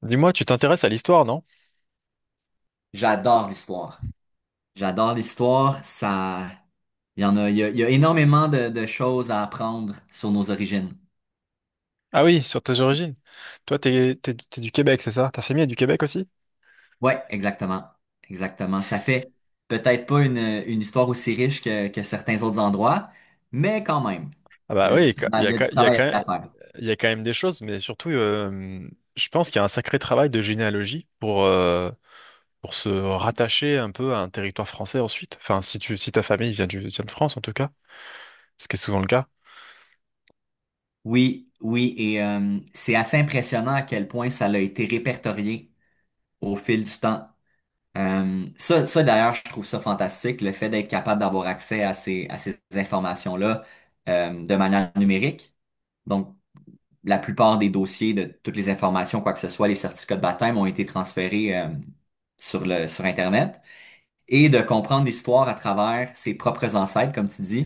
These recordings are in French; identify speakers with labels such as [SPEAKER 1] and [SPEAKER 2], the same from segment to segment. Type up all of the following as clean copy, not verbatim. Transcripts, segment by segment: [SPEAKER 1] Dis-moi, tu t'intéresses à l'histoire, non?
[SPEAKER 2] J'adore l'histoire. J'adore l'histoire. Ça, il y en a, il y a, il y a énormément de choses à apprendre sur nos origines.
[SPEAKER 1] Ah oui, sur tes origines. Toi, t'es du Québec, c'est ça? Ta famille est du Québec aussi?
[SPEAKER 2] Ouais, exactement. Exactement. Ça fait peut-être pas une histoire aussi riche que certains autres endroits, mais quand même,
[SPEAKER 1] Ah bah oui,
[SPEAKER 2] il y a du travail à faire.
[SPEAKER 1] il y a quand même des choses, mais surtout, je pense qu'il y a un sacré travail de généalogie pour se rattacher un peu à un territoire français ensuite. Enfin, si ta famille vient de France, en tout cas, ce qui est souvent le cas.
[SPEAKER 2] Oui, oui, et c'est assez impressionnant à quel point ça a été répertorié au fil du temps. Ça d'ailleurs, je trouve ça fantastique, le fait d'être capable d'avoir accès à ces informations-là de manière numérique. Donc, la plupart des dossiers de toutes les informations, quoi que ce soit, les certificats de baptême ont été transférés sur Internet. Et de comprendre l'histoire à travers ses propres ancêtres, comme tu dis,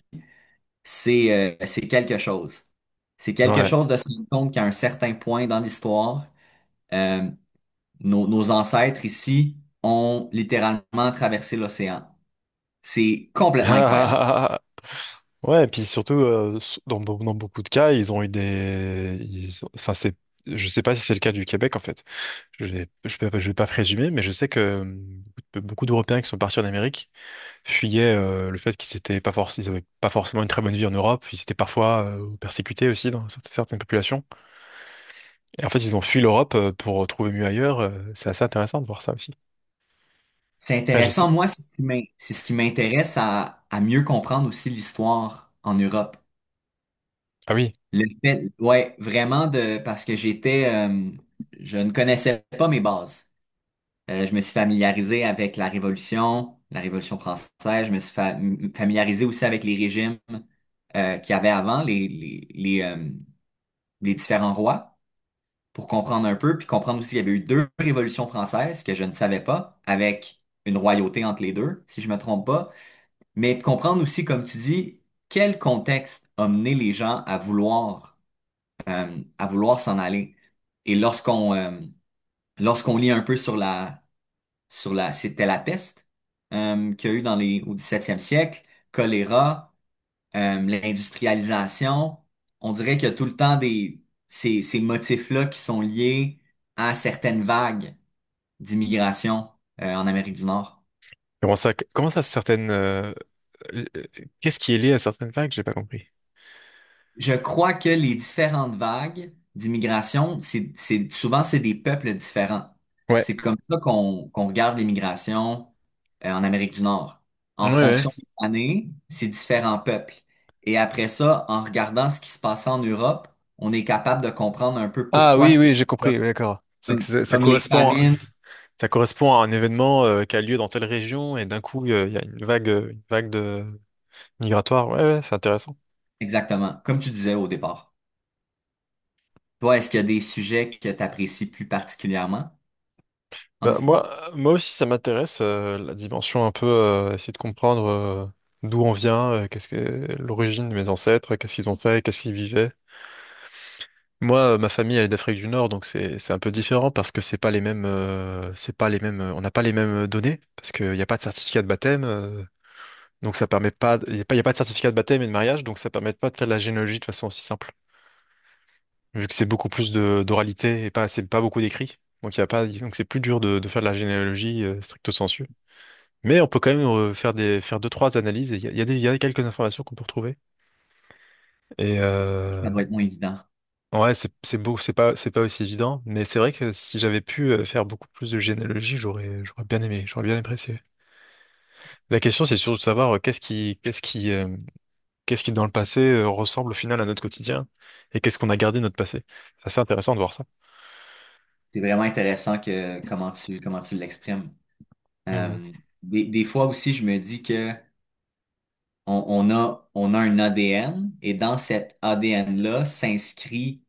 [SPEAKER 2] c'est c'est quelque chose. C'est quelque
[SPEAKER 1] Ouais.
[SPEAKER 2] chose de se rendre compte qu'à un certain point dans l'histoire, euh, nos ancêtres ici ont littéralement traversé l'océan. C'est complètement incroyable.
[SPEAKER 1] Ouais, et puis surtout, dans beaucoup de cas, ils ont eu des... ils ont- ça, c'est... Je sais pas si c'est le cas du Québec, en fait. Je vais pas présumer, mais je sais que beaucoup d'Européens qui sont partis en Amérique fuyaient le fait qu'ils avaient pas forcément une très bonne vie en Europe. Ils étaient parfois persécutés aussi dans certaines populations. Et en fait, ils ont fui l'Europe pour trouver mieux ailleurs. C'est assez intéressant de voir ça aussi.
[SPEAKER 2] C'est
[SPEAKER 1] Après, je sais.
[SPEAKER 2] intéressant. Moi, c'est ce qui m'intéresse à mieux comprendre aussi l'histoire en Europe.
[SPEAKER 1] Ah oui,
[SPEAKER 2] Le fait, ouais, vraiment de, parce que j'étais, je ne connaissais pas mes bases. Je me suis familiarisé avec la Révolution française. Je me suis familiarisé aussi avec les régimes qu'il y avait avant, les différents rois, pour comprendre un peu, puis comprendre aussi qu'il y avait eu deux révolutions françaises que je ne savais pas, avec une royauté entre les deux, si je me trompe pas. Mais de comprendre aussi, comme tu dis, quel contexte a mené les gens à vouloir s'en aller. Et lorsqu'on lit un peu sur la, c'était la peste qu'il y a eu dans les, au 17e siècle, choléra, l'industrialisation. On dirait qu'il y a tout le temps ces motifs-là qui sont liés à certaines vagues d'immigration en Amérique du Nord.
[SPEAKER 1] comment ça? Euh, Qu'est-ce qui est lié à certaines vagues? J'ai pas compris.
[SPEAKER 2] Je crois que les différentes vagues d'immigration, c'est, souvent, c'est des peuples différents.
[SPEAKER 1] Ouais.
[SPEAKER 2] C'est comme ça qu'on regarde l'immigration en Amérique du Nord.
[SPEAKER 1] Ouais,
[SPEAKER 2] En
[SPEAKER 1] ouais.
[SPEAKER 2] fonction des années, c'est différents peuples. Et après ça, en regardant ce qui se passe en Europe, on est capable de comprendre un peu
[SPEAKER 1] Ah
[SPEAKER 2] pourquoi
[SPEAKER 1] oui, oui,
[SPEAKER 2] c'est
[SPEAKER 1] j'ai compris, oui,
[SPEAKER 2] comme,
[SPEAKER 1] d'accord. C'est que
[SPEAKER 2] comme
[SPEAKER 1] ça,
[SPEAKER 2] comme les famines.
[SPEAKER 1] ça correspond à un événement qui a lieu dans telle région et d'un coup, il y a une vague de migratoire. Ouais, ouais, c'est intéressant.
[SPEAKER 2] Exactement, comme tu disais au départ. Toi, est-ce qu'il y a des sujets que tu apprécies plus particulièrement en
[SPEAKER 1] Bah,
[SPEAKER 2] histoire?
[SPEAKER 1] moi aussi, ça m'intéresse la dimension un peu, essayer de comprendre d'où on vient, qu'est-ce que l'origine de mes ancêtres, qu'est-ce qu'ils ont fait, qu'est-ce qu'ils vivaient. Moi, ma famille, elle est d'Afrique du Nord, donc c'est un peu différent parce que c'est pas les mêmes, on n'a pas les mêmes données parce qu'il n'y a pas de certificat de baptême. Donc ça permet pas, il n'y a pas, y a pas de certificat de baptême et de mariage, donc ça permet pas de faire de la généalogie de façon aussi simple. Vu que c'est beaucoup plus de d'oralité et pas, c'est pas beaucoup d'écrit. Donc il y a pas, Donc c'est plus dur de faire de la généalogie stricto sensu. Mais on peut quand même faire deux, trois analyses et il y a, y a des, y a quelques informations qu'on peut retrouver. Et
[SPEAKER 2] Ça
[SPEAKER 1] euh,
[SPEAKER 2] doit être moins évident.
[SPEAKER 1] ouais, c'est beau, c'est pas aussi évident, mais c'est vrai que si j'avais pu faire beaucoup plus de généalogie, j'aurais bien aimé, j'aurais bien apprécié. La question, c'est surtout de savoir qu'est-ce qui, dans le passé, ressemble au final à notre quotidien? Et qu'est-ce qu'on a gardé de notre passé? C'est assez intéressant de voir ça.
[SPEAKER 2] C'est vraiment intéressant que comment tu l'exprimes.
[SPEAKER 1] Mhm.
[SPEAKER 2] Euh, des fois aussi, je me dis que on a un ADN et dans cet ADN-là s'inscrit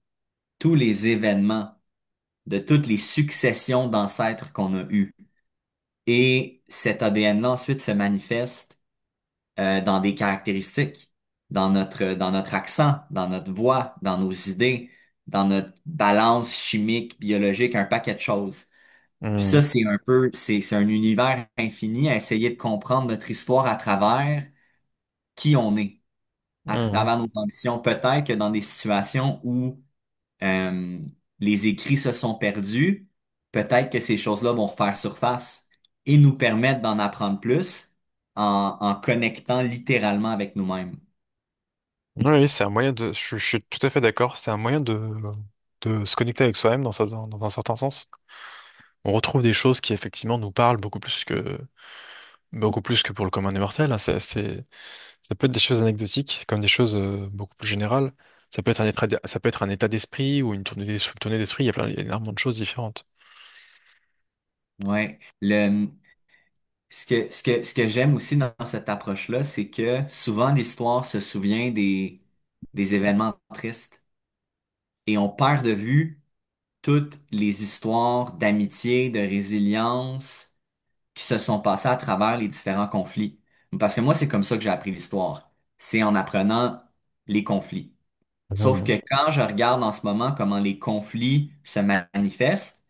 [SPEAKER 2] tous les événements de toutes les successions d'ancêtres qu'on a eues. Et cet ADN-là ensuite se manifeste dans des caractéristiques, dans notre accent, dans notre voix, dans nos idées, dans notre balance chimique, biologique, un paquet de choses. Puis ça,
[SPEAKER 1] Mhm.
[SPEAKER 2] c'est un peu, c'est un univers infini à essayer de comprendre notre histoire à travers qui on est, à
[SPEAKER 1] Mhm.
[SPEAKER 2] travers nos ambitions. Peut-être que dans des situations où euh, les écrits se sont perdus, peut-être que ces choses-là vont refaire surface et nous permettre d'en apprendre plus en connectant littéralement avec nous-mêmes.
[SPEAKER 1] Oui, c'est un moyen de. Je suis tout à fait d'accord. C'est un moyen de se connecter avec soi-même dans un certain sens. On retrouve des choses qui, effectivement, nous parlent beaucoup plus que pour le commun des mortels, hein. Ça peut être des choses anecdotiques, comme des choses beaucoup plus générales. Ça peut être ça peut être un état d'esprit ou une tournée d'esprit. Il y a énormément de choses différentes.
[SPEAKER 2] Ouais. Le, ce que, ce que, ce que j'aime aussi dans cette approche-là, c'est que souvent l'histoire se souvient des événements tristes et on perd de vue toutes les histoires d'amitié, de résilience qui se sont passées à travers les différents conflits. Parce que moi, c'est comme ça que j'ai appris l'histoire. C'est en apprenant les conflits. Sauf que
[SPEAKER 1] Mhm.
[SPEAKER 2] quand je regarde en ce moment comment les conflits se manifestent,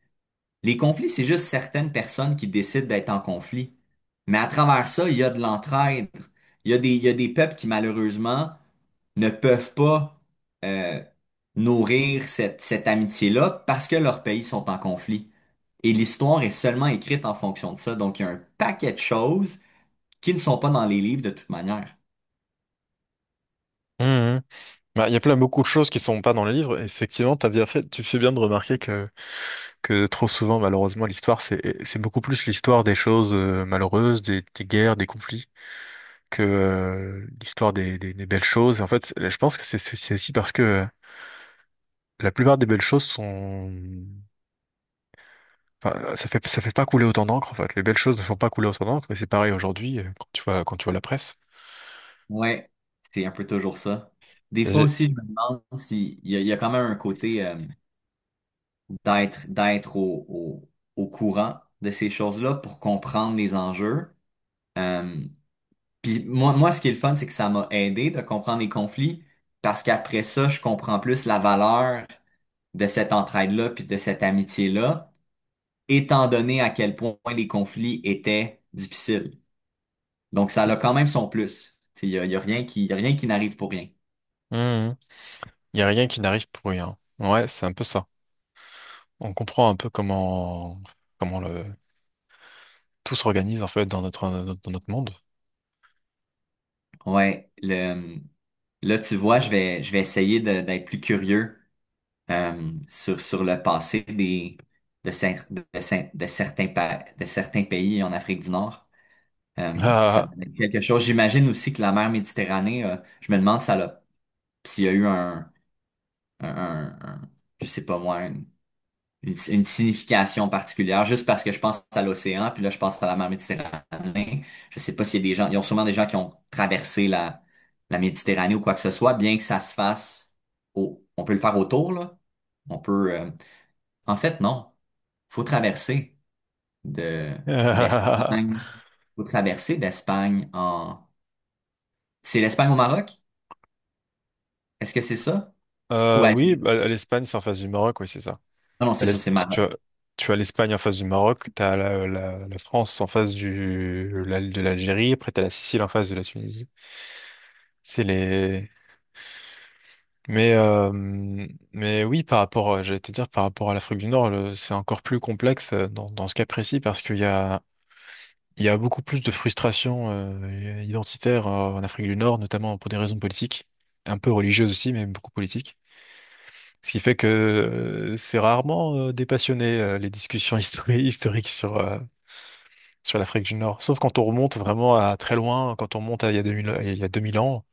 [SPEAKER 2] les conflits, c'est juste certaines personnes qui décident d'être en conflit. Mais à travers ça, il y a de l'entraide. Il y a des peuples qui, malheureusement, ne peuvent pas euh, nourrir cette amitié-là parce que leurs pays sont en conflit. Et l'histoire est seulement écrite en fonction de ça. Donc, il y a un paquet de choses qui ne sont pas dans les livres de toute manière.
[SPEAKER 1] Mhm. Bah, il y a plein beaucoup de choses qui sont pas dans les livres. Et effectivement, t'as bien fait, tu fais bien de remarquer que trop souvent, malheureusement, l'histoire, c'est beaucoup plus l'histoire des choses malheureuses, des guerres, des conflits, que l'histoire des belles choses. Et en fait, je pense que c'est aussi parce que la plupart des belles choses sont, enfin, ça fait pas couler autant d'encre, en fait. Les belles choses ne font pas couler autant d'encre. Et c'est pareil aujourd'hui, quand tu vois la presse.
[SPEAKER 2] Ouais, c'est un peu toujours ça. Des fois
[SPEAKER 1] Il
[SPEAKER 2] aussi, je me demande s'il y a, il y a quand même un côté d'être au, au, au courant de ces choses-là pour comprendre les enjeux. Euh, Puis moi, ce qui est le fun, c'est que ça m'a aidé de comprendre les conflits parce qu'après ça, je comprends plus la valeur de cette entraide-là puis de cette amitié-là, étant donné à quel point les conflits étaient difficiles. Donc, ça a quand même son plus. Tu sais, il y a rien qui, il y a rien qui n'arrive pour rien.
[SPEAKER 1] y a rien qui n'arrive pour rien. Ouais, c'est un peu ça. On comprend un peu comment le tout s'organise en fait dans dans notre monde.
[SPEAKER 2] Ouais, là, tu vois, je vais essayer d'être plus curieux sur le passé des, de, cer- de, cer- de certains pays en Afrique du Nord. Ça
[SPEAKER 1] Ah.
[SPEAKER 2] donnait quelque chose. J'imagine aussi que la mer Méditerranée, je me demande s'il y a eu un, un- un- je sais pas moi, une signification particulière, juste parce que je pense à l'océan, puis là je pense à la mer Méditerranée. Je sais pas s'il y a des gens, ils ont sûrement des gens qui ont traversé la Méditerranée ou quoi que ce soit, bien que ça se fasse on peut le faire autour, là. On peut, en fait, non. Faut traverser de, d'Espagne. Faut traverser d'Espagne en. C'est l'Espagne au Maroc? Est-ce que c'est ça? Ou
[SPEAKER 1] Oui,
[SPEAKER 2] Algérie?
[SPEAKER 1] bah, l'Espagne, c'est en face du Maroc, oui, c'est ça.
[SPEAKER 2] Non, non,
[SPEAKER 1] À
[SPEAKER 2] c'est ça,
[SPEAKER 1] l'est,
[SPEAKER 2] c'est Maroc.
[SPEAKER 1] tu as, tu as l'Espagne en face du Maroc, tu as la France en face de l'Algérie, après tu as la Sicile en face de la Tunisie. C'est les, Mais, euh, mais oui, j'allais te dire, par rapport à l'Afrique du Nord, c'est encore plus complexe dans ce cas précis parce qu'il y a beaucoup plus de frustration identitaire en Afrique du Nord, notamment pour des raisons politiques, un peu religieuses aussi, mais beaucoup politiques. Ce qui fait que c'est rarement dépassionné les discussions historiques sur l'Afrique du Nord. Sauf quand on remonte vraiment à très loin, quand on remonte à il y a 2000, il y a 2000 ans.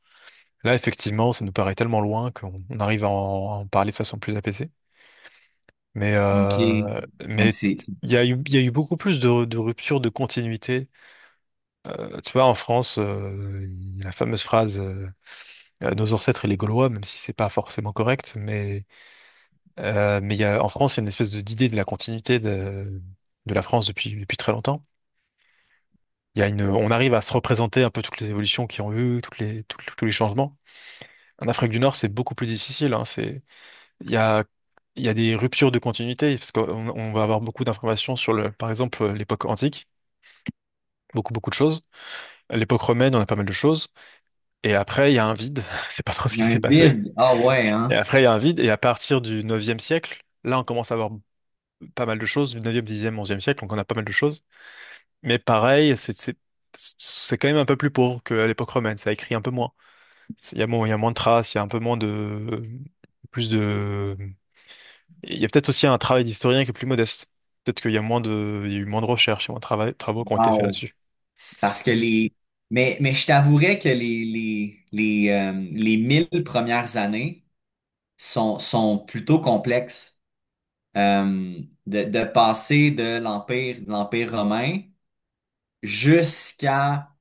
[SPEAKER 1] Là, effectivement, ça nous paraît tellement loin qu'on on arrive à en parler de façon plus apaisée. Mais,
[SPEAKER 2] OK.
[SPEAKER 1] euh,
[SPEAKER 2] Donc,
[SPEAKER 1] mais il y a eu beaucoup plus de ruptures de continuité. Tu vois, en France, la fameuse phrase Nos ancêtres et les Gaulois», même si c'est pas forcément correct, mais, mais il y a, en France, il y a une espèce d'idée de la continuité de la France depuis très longtemps. Il y a une, On arrive à se représenter un peu toutes les évolutions qui ont eu, tous les changements. En Afrique du Nord, c'est beaucoup plus difficile, hein. c'est, il y a Il y a des ruptures de continuité parce qu'on on va avoir beaucoup d'informations sur par exemple, l'époque antique. Beaucoup, beaucoup de choses. À l'époque romaine, on a pas mal de choses. Et après, il y a un vide. C'est pas trop ce
[SPEAKER 2] il y
[SPEAKER 1] qui
[SPEAKER 2] a un
[SPEAKER 1] s'est passé.
[SPEAKER 2] vide. Ah ouais,
[SPEAKER 1] Et
[SPEAKER 2] hein?
[SPEAKER 1] après, il y a un vide. Et à partir du 9e siècle, là, on commence à avoir pas mal de choses. Du 9e, 10e siècle, donc on a pas mal de choses. Mais pareil, c'est quand même un peu plus pauvre qu'à l'époque romaine. Ça écrit un peu moins. Il y a moins de traces, il y a un peu moins de, plus de, il y a peut-être aussi un travail d'historien qui est plus modeste. Peut-être qu'il y a eu moins de recherches, il y a moins de travaux qui ont été faits
[SPEAKER 2] Wow.
[SPEAKER 1] là-dessus.
[SPEAKER 2] Parce que les... mais je t'avouerais que les 1000 premières années sont, sont plutôt complexes. Euh, de passer de l'Empire romain jusqu'à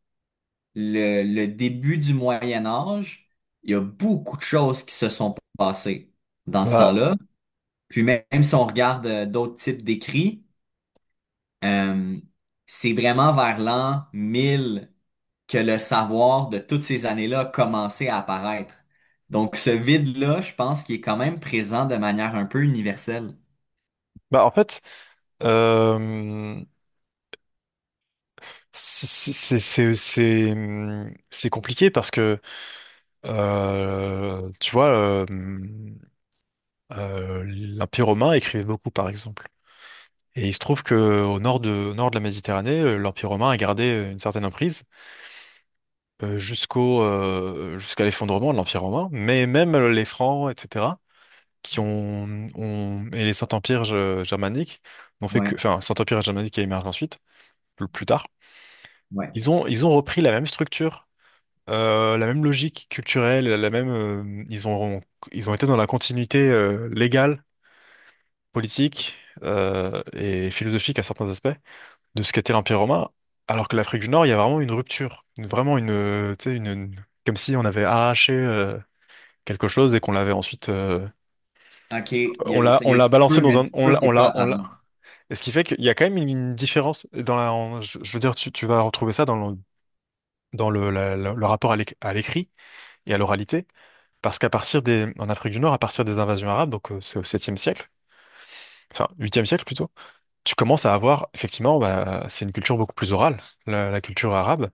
[SPEAKER 2] le début du Moyen Âge, il y a beaucoup de choses qui se sont passées dans ce
[SPEAKER 1] Bah,
[SPEAKER 2] temps-là. Puis même si on regarde d'autres types d'écrits, euh, c'est vraiment vers l'an 1000 que le savoir de toutes ces années-là a commencé à apparaître. Donc ce vide-là, je pense qu'il est quand même présent de manière un peu universelle.
[SPEAKER 1] bah, en fait, euh, C'est c'est- c'est compliqué parce que, tu vois, euh, l'Empire romain écrivait beaucoup, par exemple. Et il se trouve que au nord de la Méditerranée, l'Empire romain a gardé une certaine emprise jusqu'à l'effondrement de l'Empire romain. Mais même les Francs, etc., et les Saint-Empires germaniques n'ont fait que,
[SPEAKER 2] Ouais,
[SPEAKER 1] enfin, Saint-Empire germanique qui a émergé ensuite, plus tard,
[SPEAKER 2] ouais.
[SPEAKER 1] ils ont repris la même structure. La même logique culturelle, la même, ils ont été dans la continuité légale, politique et philosophique à certains aspects de ce qu'était l'Empire romain, alors que l'Afrique du Nord, il y a vraiment une rupture, vraiment une, tu sais, comme si on avait arraché quelque chose et qu'on l'avait ensuite,
[SPEAKER 2] OK, il y
[SPEAKER 1] on
[SPEAKER 2] a
[SPEAKER 1] l'a
[SPEAKER 2] une peur,
[SPEAKER 1] balancé
[SPEAKER 2] il y a
[SPEAKER 1] dans un,
[SPEAKER 2] une peur qui est plus
[SPEAKER 1] on l'a.
[SPEAKER 2] apparente.
[SPEAKER 1] Et ce qui fait qu'il y a quand même une différence dans je veux dire, tu vas retrouver ça dans le rapport à à l'écrit et à l'oralité. Parce qu'en Afrique du Nord, à partir des invasions arabes, donc c'est au 7e siècle, enfin 8e siècle plutôt, tu commences à avoir, effectivement, bah, c'est une culture beaucoup plus orale, la culture arabe.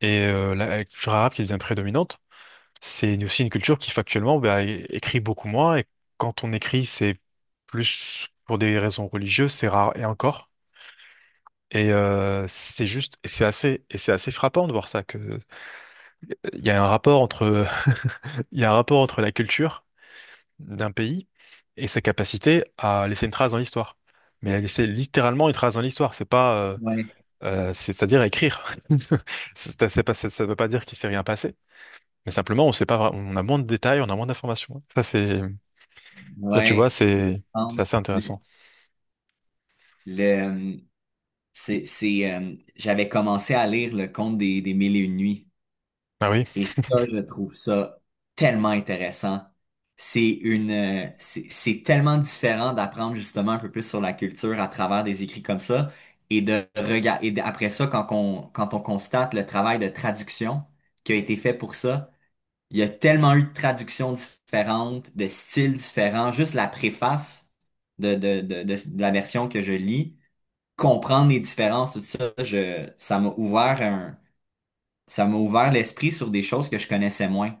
[SPEAKER 1] Et la culture arabe qui devient prédominante, c'est aussi une culture qui factuellement bah, écrit beaucoup moins. Et quand on écrit, c'est plus pour des raisons religieuses, c'est rare et encore. Et et c'est assez frappant de voir ça que il y a un rapport entre, il y a un rapport entre la culture d'un pays et sa capacité à laisser une trace dans l'histoire. Mais à laisser littéralement une trace dans l'histoire,
[SPEAKER 2] Ouais,
[SPEAKER 1] c'est-à-dire écrire. C'est pas- Ça ne veut pas dire qu'il s'est rien passé, mais simplement on sait pas, on a moins de détails, on a moins d'informations. Ça, tu vois,
[SPEAKER 2] ouais, je
[SPEAKER 1] c'est
[SPEAKER 2] pense.
[SPEAKER 1] assez
[SPEAKER 2] Le,
[SPEAKER 1] intéressant.
[SPEAKER 2] le, euh, J'avais commencé à lire Le Conte des Mille et Une Nuits.
[SPEAKER 1] Ah oui.
[SPEAKER 2] Et ça, je trouve ça tellement intéressant. C'est une, c'est tellement différent d'apprendre justement un peu plus sur la culture à travers des écrits comme ça et de regarder. Et après ça, quand on constate le travail de traduction qui a été fait pour ça, il y a tellement eu de traductions différentes, de styles différents. Juste la préface de la version que je lis, comprendre les différences, tout ça, ça m'a ouvert l'esprit sur des choses que je connaissais moins.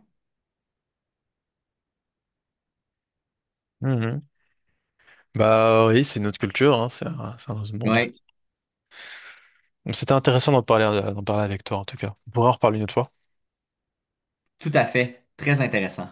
[SPEAKER 1] Mhm. Bah oui, c'est notre culture, hein, c'est un autre monde.
[SPEAKER 2] Oui,
[SPEAKER 1] Donc, c'était intéressant d'en parler avec toi en tout cas. On pourra en reparler une autre fois.
[SPEAKER 2] tout à fait. Très intéressant.